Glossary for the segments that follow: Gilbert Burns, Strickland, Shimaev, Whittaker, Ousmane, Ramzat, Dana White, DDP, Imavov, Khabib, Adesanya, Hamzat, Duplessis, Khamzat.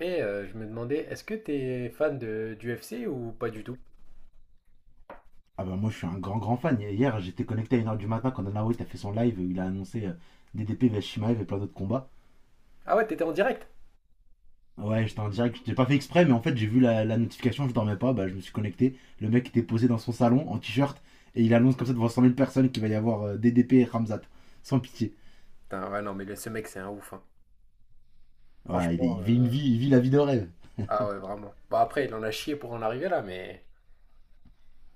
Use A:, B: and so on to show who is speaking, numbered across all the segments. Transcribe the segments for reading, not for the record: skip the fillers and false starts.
A: Je me demandais, est-ce que t'es fan du UFC ou pas du tout?
B: Ah bah moi je suis un grand fan. Hier j'étais connecté à 1 heure du matin quand Dana White a fait son live, il a annoncé DDP vs Shimaev et plein d'autres combats.
A: Ah ouais, t'étais en direct?
B: Ouais j'étais en direct, j'ai pas fait exprès mais en fait j'ai vu la notification, je dormais pas, bah je me suis connecté. Le mec était posé dans son salon en t-shirt et il annonce comme ça devant 100 000 personnes qu'il va y avoir DDP et Ramzat. Sans pitié.
A: Putain, ouais, non, mais ce mec, c'est un ouf, hein.
B: Ouais
A: Franchement,
B: il vit une vie, il vit la vie de rêve.
A: ah ouais, vraiment. Bah après, il en a chié pour en arriver là, mais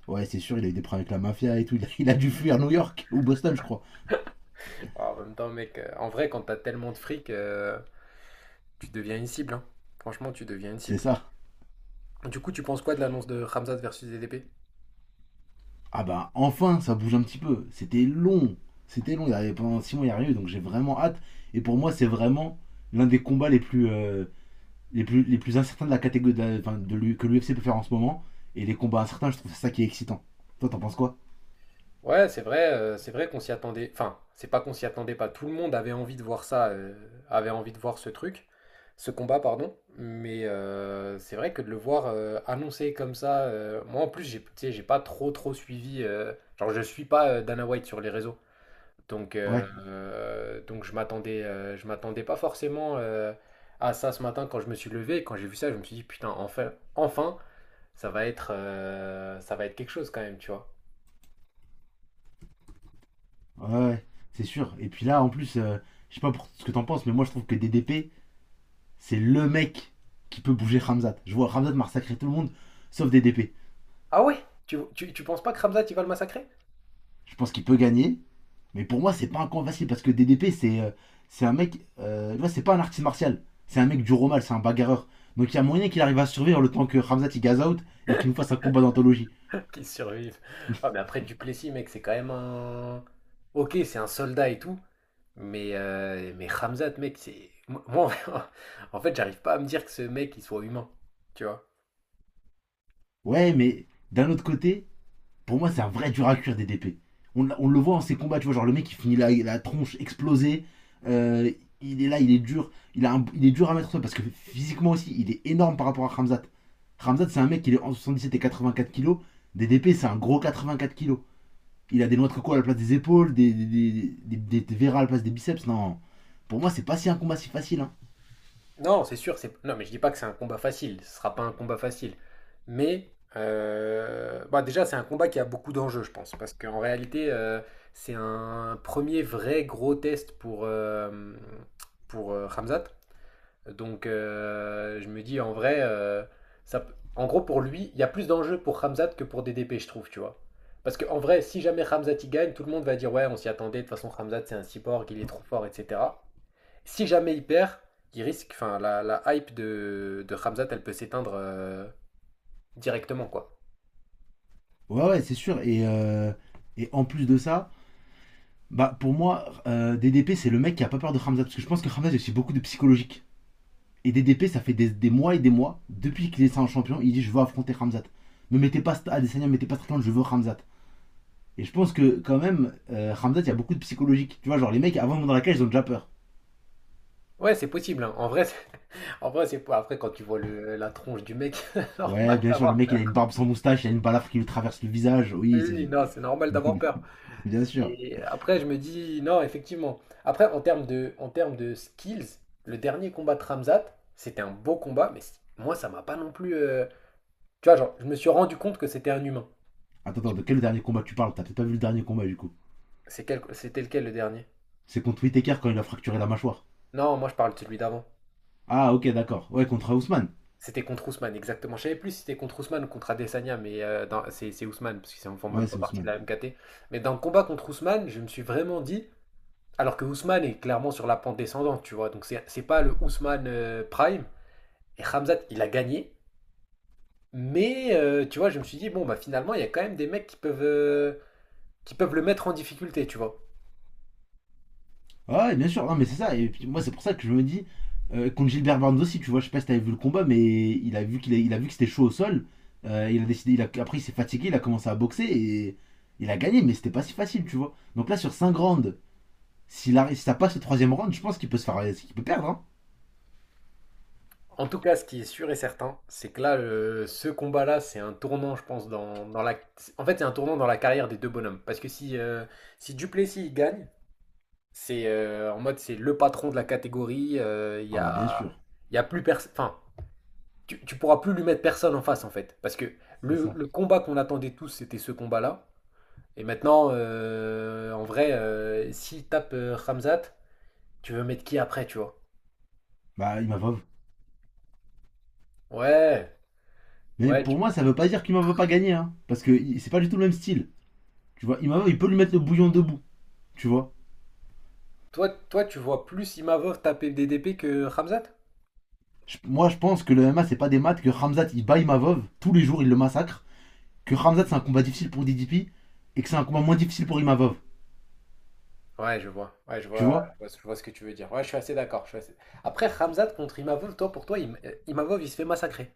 B: Ouais c'est sûr il a eu des problèmes avec la mafia et tout, il a dû fuir New York ou Boston je crois.
A: ah, en même temps, mec, en vrai, quand t'as tellement de fric, tu deviens une cible, hein. Franchement, tu deviens une
B: C'est
A: cible.
B: ça.
A: Du coup, tu penses quoi de l'annonce de Khamzat versus DDP?
B: Ah bah enfin, ça bouge un petit peu. C'était long. Il y avait pendant 6 mois, il n'y a rien eu. Donc j'ai vraiment hâte. Et pour moi, c'est vraiment l'un des combats les plus incertains de la catégorie enfin, que l'UFC peut faire en ce moment. Et les combats incertains, je trouve ça qui est excitant. Toi, t'en penses quoi?
A: Ouais, c'est vrai qu'on s'y attendait. Enfin, c'est pas qu'on s'y attendait pas. Tout le monde avait envie de voir ça, avait envie de voir ce truc, ce combat, pardon. Mais c'est vrai que de le voir annoncé comme ça, moi en plus, j'ai, tu sais, j'ai pas trop suivi. Genre, je suis pas Dana White sur les réseaux,
B: Ouais.
A: donc je m'attendais pas forcément à ça ce matin quand je me suis levé. Et quand j'ai vu ça, je me suis dit putain, enfin, ça va être quelque chose quand même, tu vois.
B: Ouais, ouais, c'est sûr. Et puis là, en plus, je sais pas pour ce que t'en penses, mais moi, je trouve que DDP, c'est le mec qui peut bouger Ramzat. Je vois Ramzat massacrer tout le monde, sauf DDP.
A: Ah ouais? Tu penses pas que Khamzat, il va le massacrer?
B: Je pense qu'il peut gagner. Mais pour moi, c'est pas un combat facile parce que DDP, c'est un mec. Tu vois, c'est pas un artiste martial. C'est un mec du romal, c'est un bagarreur. Donc il y a moyen qu'il arrive à survivre le temps que Ramzat il gaze out et qu'il nous fasse un combat d'anthologie.
A: Qu'il survive. Ah, mais après, Duplessis, mec, c'est quand même un. Ok, c'est un soldat et tout. Mais Khamzat, mec, c'est. Moi, en fait, j'arrive pas à me dire que ce mec, il soit humain. Tu vois?
B: Ouais, mais d'un autre côté, pour moi, c'est un vrai dur à cuire DDP. On le voit en ses combats, tu vois, genre le mec il finit la tronche explosée. euh, il est là, il est dur. Il est dur à mettre au sol parce que physiquement aussi, il est énorme par rapport à Ramzat. Ramzat, c'est un mec qui est en 77 et 84 kilos. DDP, c'est un gros 84 kilos. Il a des noix de coco à la place des épaules, verras à la place des biceps. Non, pour moi, c'est pas si un combat si facile, hein.
A: Non, c'est sûr, c'est. Non, mais je dis pas que c'est un combat facile. Ce sera pas un combat facile. Mais. Bah, déjà, c'est un combat qui a beaucoup d'enjeux, je pense. Parce qu'en réalité, c'est un premier vrai gros test pour Khamzat. Je me dis en vrai, ça, en gros pour lui, il y a plus d'enjeux pour Hamzat que pour DDP, je trouve, tu vois. Parce qu'en vrai, si jamais Hamzat il gagne, tout le monde va dire ouais, on s'y attendait, de toute façon Hamzat c'est un cyborg, il est trop fort, etc. Si jamais il perd, il risque, enfin la hype de Hamzat, elle peut s'éteindre directement, quoi.
B: Ouais, ouais, c'est sûr. Et en plus de ça, bah, pour moi, DDP, c'est le mec qui a pas peur de Hamza. Parce que je pense que Hamza, il y a aussi beaucoup de psychologique. Et DDP, ça fait des mois et des mois, depuis qu'il est ça en champion, il dit: je veux affronter Hamzat. Ne mettez pas Adesanya, ne mettez pas Strickland, je veux Hamzat. Et je pense que, quand même, Hamzat, il y a beaucoup de psychologique. Tu vois, genre, les mecs, avant de monter dans la cage, ils ont déjà peur.
A: Ouais, c'est possible, hein. En vrai, en vrai, c'est pas. Après, quand tu vois la tronche du mec, c'est
B: Ouais,
A: normal
B: bien sûr, le
A: d'avoir
B: mec, il
A: peur.
B: a une barbe sans moustache, il a une balafre qui lui traverse le visage.
A: Oui,
B: Oui,
A: oui,
B: c'est-
A: non, c'est normal d'avoir peur.
B: Bien sûr.
A: Et après, je me dis, non, effectivement. Après, en termes de skills, le dernier combat de Ramzat, c'était un beau combat, mais moi, ça m'a pas non plus. Tu vois, genre, je me suis rendu compte que c'était un humain.
B: Attends, attends, de quel dernier combat tu parles? T'as peut-être pas vu le dernier combat du coup.
A: C'était lequel le dernier?
B: C'est contre Whittaker quand il a fracturé la mâchoire.
A: Non, moi, je parle de celui d'avant.
B: Ah, ok, d'accord. Ouais, contre Ousmane.
A: C'était contre Ousmane, exactement. Je savais plus si c'était contre Ousmane ou contre Adesanya, mais c'est Ousmane, parce qu'ils ne font
B: Ouais,
A: même pas
B: c'est
A: partie de
B: Ousmane.
A: la MKT. Mais dans le combat contre Ousmane, je me suis vraiment dit, alors que Ousmane est clairement sur la pente descendante, tu vois, donc c'est pas le Ousmane Prime. Et Ramzat, il a gagné, mais tu vois, je me suis dit, bon, bah finalement, il y a quand même des mecs qui peuvent le mettre en difficulté, tu vois.
B: Ouais, bien sûr. Non, mais c'est ça. Et puis moi, c'est pour ça que je me dis. Contre Gilbert Burns aussi, tu vois, je sais pas si t'avais vu le combat, mais il a vu il a vu que c'était chaud au sol. Il a décidé, il a, Après il s'est fatigué, il a commencé à boxer et il a gagné, mais c'était pas si facile, tu vois. Donc là, sur 5 rounds, si ça passe le 3e round, je pense qu'il peut perdre, hein.
A: En tout cas, ce qui est sûr et certain, c'est que là, ce combat-là, c'est un tournant, je pense, dans la... En fait, c'est un tournant dans la carrière des deux bonhommes. Parce que si, si Duplessis il gagne, c'est en mode, c'est le patron de la catégorie,
B: Ah bah bien sûr,
A: il y a plus personne... Enfin, tu pourras plus lui mettre personne en face, en fait. Parce que
B: c'est ça.
A: le combat qu'on attendait tous, c'était ce combat-là. Et maintenant, en vrai, s'il tape Ramzat, tu veux mettre qui après, tu vois?
B: Bah il m'a pas.
A: Ouais,
B: Mais
A: ouais. tu-
B: pour moi, ça veut pas dire qu'Imava va pas gagner, hein, parce que c'est pas du tout le même style. Tu vois, Imavov, il peut lui mettre le bouillon debout, tu vois.
A: Toi, tu vois plus Imavov taper DDP que Ramzat?
B: Moi, je pense que le MMA, c'est pas des maths, que Ramzat, il bat Imavov, tous les jours, il le massacre, que Ramzat, c'est un combat difficile pour DDP, et que c'est un combat moins difficile pour Imavov,
A: Ouais, je vois. Ouais,
B: tu vois.
A: je vois ce que tu veux dire. Ouais, je suis assez d'accord. Après, Ramzat contre Imavov, toi, pour toi, Imavov, il se fait massacrer.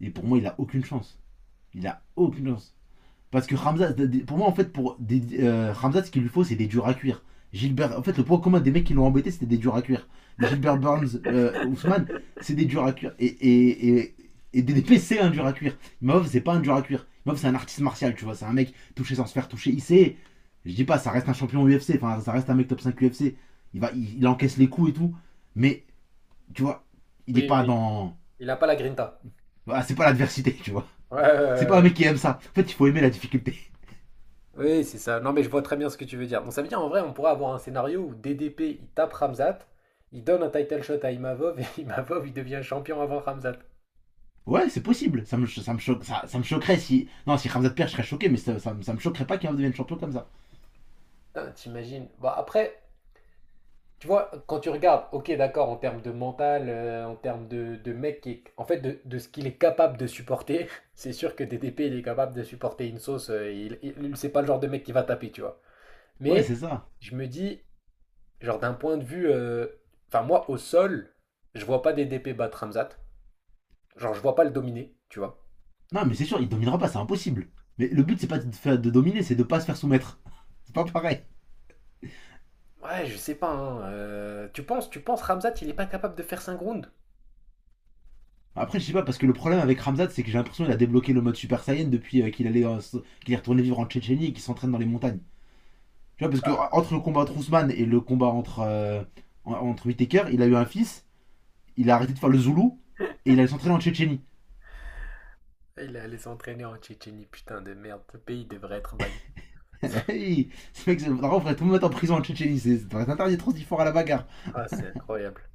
B: Et pour moi, il a aucune chance. Il a aucune chance. Parce que Ramzat, pour moi, en fait, Ramzat, ce qu'il lui faut, c'est des durs à cuire. Gilbert, en fait, le point commun des mecs qui l'ont embêté, c'était des durs à cuire. Des Gilbert Burns, Ousmane, c'est des durs à cuire. Et DDP, c'est un dur à cuire. Imov, c'est pas un dur à cuire. Imov, c'est un artiste martial, tu vois. C'est un mec touché sans se faire toucher. Il sait, je dis pas, ça reste un champion UFC. Enfin, ça reste un mec top 5 UFC. Il encaisse les coups et tout. Mais, tu vois, il est
A: Oui,
B: pas
A: oui.
B: dans.
A: Il n'a pas la grinta.
B: Ah, c'est pas l'adversité, tu vois.
A: Ouais, ouais,
B: C'est
A: ouais,
B: pas un
A: ouais.
B: mec qui aime ça. En fait, il faut aimer la difficulté.
A: Oui, c'est ça. Non, mais je vois très bien ce que tu veux dire. Bon, ça veut dire, en vrai, on pourrait avoir un scénario où DDP, il tape Ramzat, il donne un title shot à Imavov, et Imavov, il devient champion avant Ramzat.
B: Ouais, c'est possible. Ça me, cho- ça, me choque- ça me choquerait si. Non, si Ramzat perd, je serais choqué, mais ça me choquerait pas qu'il devienne champion comme ça.
A: Putain, t'imagines. Bah après, tu vois, quand tu regardes, ok, d'accord, en termes de mental, en termes de mec en fait, de ce qu'il est capable de supporter, c'est sûr que DDP, il est capable de supporter une sauce. C'est pas le genre de mec qui va taper, tu vois.
B: Ouais,
A: Mais
B: c'est ça.
A: je me dis, genre d'un point de vue, enfin moi, au sol, je vois pas DDP battre Ramzat. Genre, je vois pas le dominer, tu vois.
B: Non, mais c'est sûr, il dominera pas, c'est impossible. Mais le but, c'est pas de dominer, c'est de pas se faire soumettre. C'est pas pareil.
A: Ouais, je sais pas. Hein, tu penses, Ramzat, il est pas capable de faire 5 rounds?
B: Après, je sais pas, parce que le problème avec Ramzat, c'est que j'ai l'impression qu'il a débloqué le mode Super Saiyan depuis qu'il est retourné vivre en Tchétchénie et qu'il s'entraîne dans les montagnes. Tu vois, parce que entre le combat entre Ousmane et le combat entre Whittaker, il a eu un fils, il a arrêté de faire le Zoulou et il allait s'entraîner en Tchétchénie.
A: Il est allé s'entraîner en Tchétchénie, putain de merde. Ce pays devrait être banni.
B: Hey, en vrai, on devrait tout le mettre en prison en Tchétchénie, c'est ça devrait être interdit trop si fort à la bagarre.
A: Ah, c'est incroyable.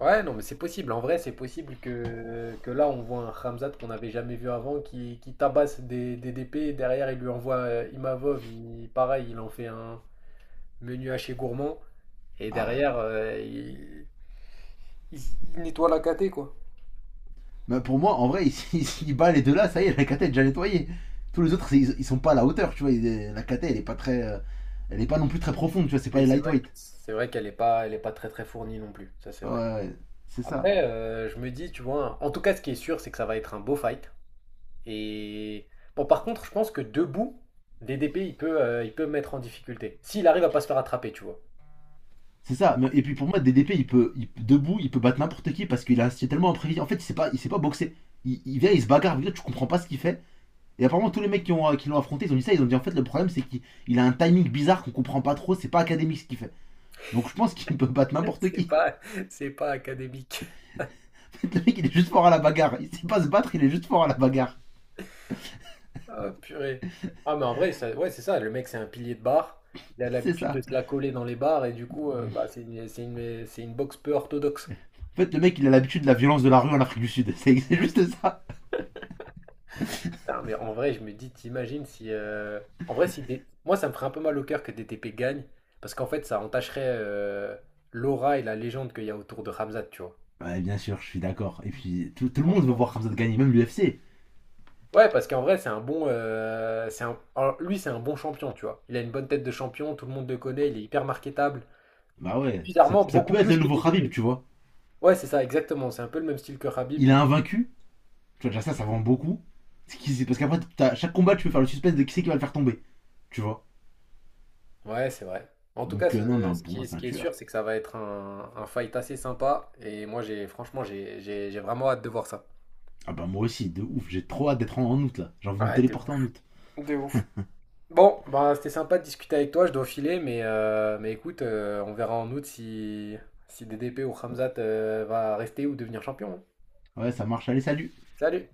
A: Ouais, non, mais c'est possible. En vrai, c'est possible que là, on voit un Khamzat qu'on n'avait jamais vu avant qui tabasse des DP. Derrière, il lui envoie Imavov. Il, pareil, il en fait un menu haché gourmand. Et
B: Ah, ouais.
A: derrière, il- il nettoie la caté, quoi.
B: Bah, pour moi, en vrai, s'il bat les deux là, ça y est, la cata est déjà nettoyée. Tous les autres, ils sont pas à la hauteur, tu vois. La cata, elle est pas très. Elle est pas non plus très profonde, tu vois, c'est pas
A: Oui,
B: les
A: c'est vrai,
B: lightweight.
A: c'est vrai qu'elle n'est pas, elle est pas très fournie non plus. Ça, c'est
B: Ouais,
A: vrai.
B: ouais, c'est ça.
A: Après, je me dis, tu vois, en tout cas, ce qui est sûr, c'est que ça va être un beau fight. Et bon, par contre, je pense que debout, DDP, il peut me mettre en difficulté. S'il arrive à pas se faire attraper, tu vois.
B: C'est ça. Mais- Et puis pour moi, DDP, debout, il peut battre n'importe qui parce qu'il a c'est tellement imprévisible. En fait, il sait pas boxer. Il vient, il se bagarre, avec l'autre, tu comprends pas ce qu'il fait. Et apparemment, tous les mecs qui l'ont affronté, ils ont dit ça, ils ont dit en fait, le problème, c'est qu'il il a un timing bizarre qu'on comprend pas trop, c'est pas académique ce qu'il fait. Donc je pense qu'il peut battre n'importe
A: C'est
B: qui.
A: pas, c'est pas académique.
B: En fait, le mec, il est juste fort à la bagarre. Il sait pas se battre, il est juste fort à la bagarre.
A: Ah, purée. Ah, mais en vrai, ouais, c'est ça. Le mec, c'est un pilier de bar. Il a
B: C'est
A: l'habitude de
B: ça.
A: se la coller dans les bars et du coup,
B: En
A: bah, c'est une, c'est une boxe peu orthodoxe.
B: fait, le mec, il a l'habitude de la violence de la rue en Afrique du Sud. C'est juste ça.
A: Ah, mais en vrai, je me dis, t'imagines si. En vrai, si des- moi, ça me ferait un peu mal au cœur que DTP gagne parce qu'en fait, ça entacherait l'aura et la légende qu'il y a autour de Ramzat, tu vois.
B: Ouais, bien sûr, je suis d'accord. Et puis, tout le monde veut
A: Franchement.
B: voir Khamzat gagner, même l'UFC.
A: Ouais, parce qu'en vrai, c'est un bon. Alors, lui, c'est un bon champion, tu vois. Il a une bonne tête de champion, tout le monde le connaît, il est hyper marketable.
B: Bah ouais,
A: Bizarrement,
B: ça
A: beaucoup
B: peut être le
A: plus que
B: nouveau Khabib,
A: DDP.
B: tu vois.
A: Ouais, c'est ça, exactement. C'est un peu le même style que Khabib.
B: Il est invaincu. Tu vois, déjà ça vend beaucoup. Parce qu'après, chaque combat, tu peux faire le suspense de qui c'est qui va le faire tomber, tu vois.
A: Ouais, c'est vrai. En tout cas,
B: Donc, non, pour moi,
A: ce
B: c'est un
A: qui est
B: tueur.
A: sûr, c'est que ça va être un fight assez sympa. Et moi, j'ai franchement, j'ai vraiment hâte de voir ça.
B: Ah bah moi aussi, de ouf, j'ai trop hâte d'être en août, là. J'ai envie de me
A: Ouais, de
B: téléporter en
A: ouf.
B: août.
A: De ouf. Bon, bah, c'était sympa de discuter avec toi. Je dois filer, mais écoute, on verra en août si, si DDP ou Khamzat va rester ou devenir champion. Hein.
B: Ouais, ça marche, allez, salut
A: Salut!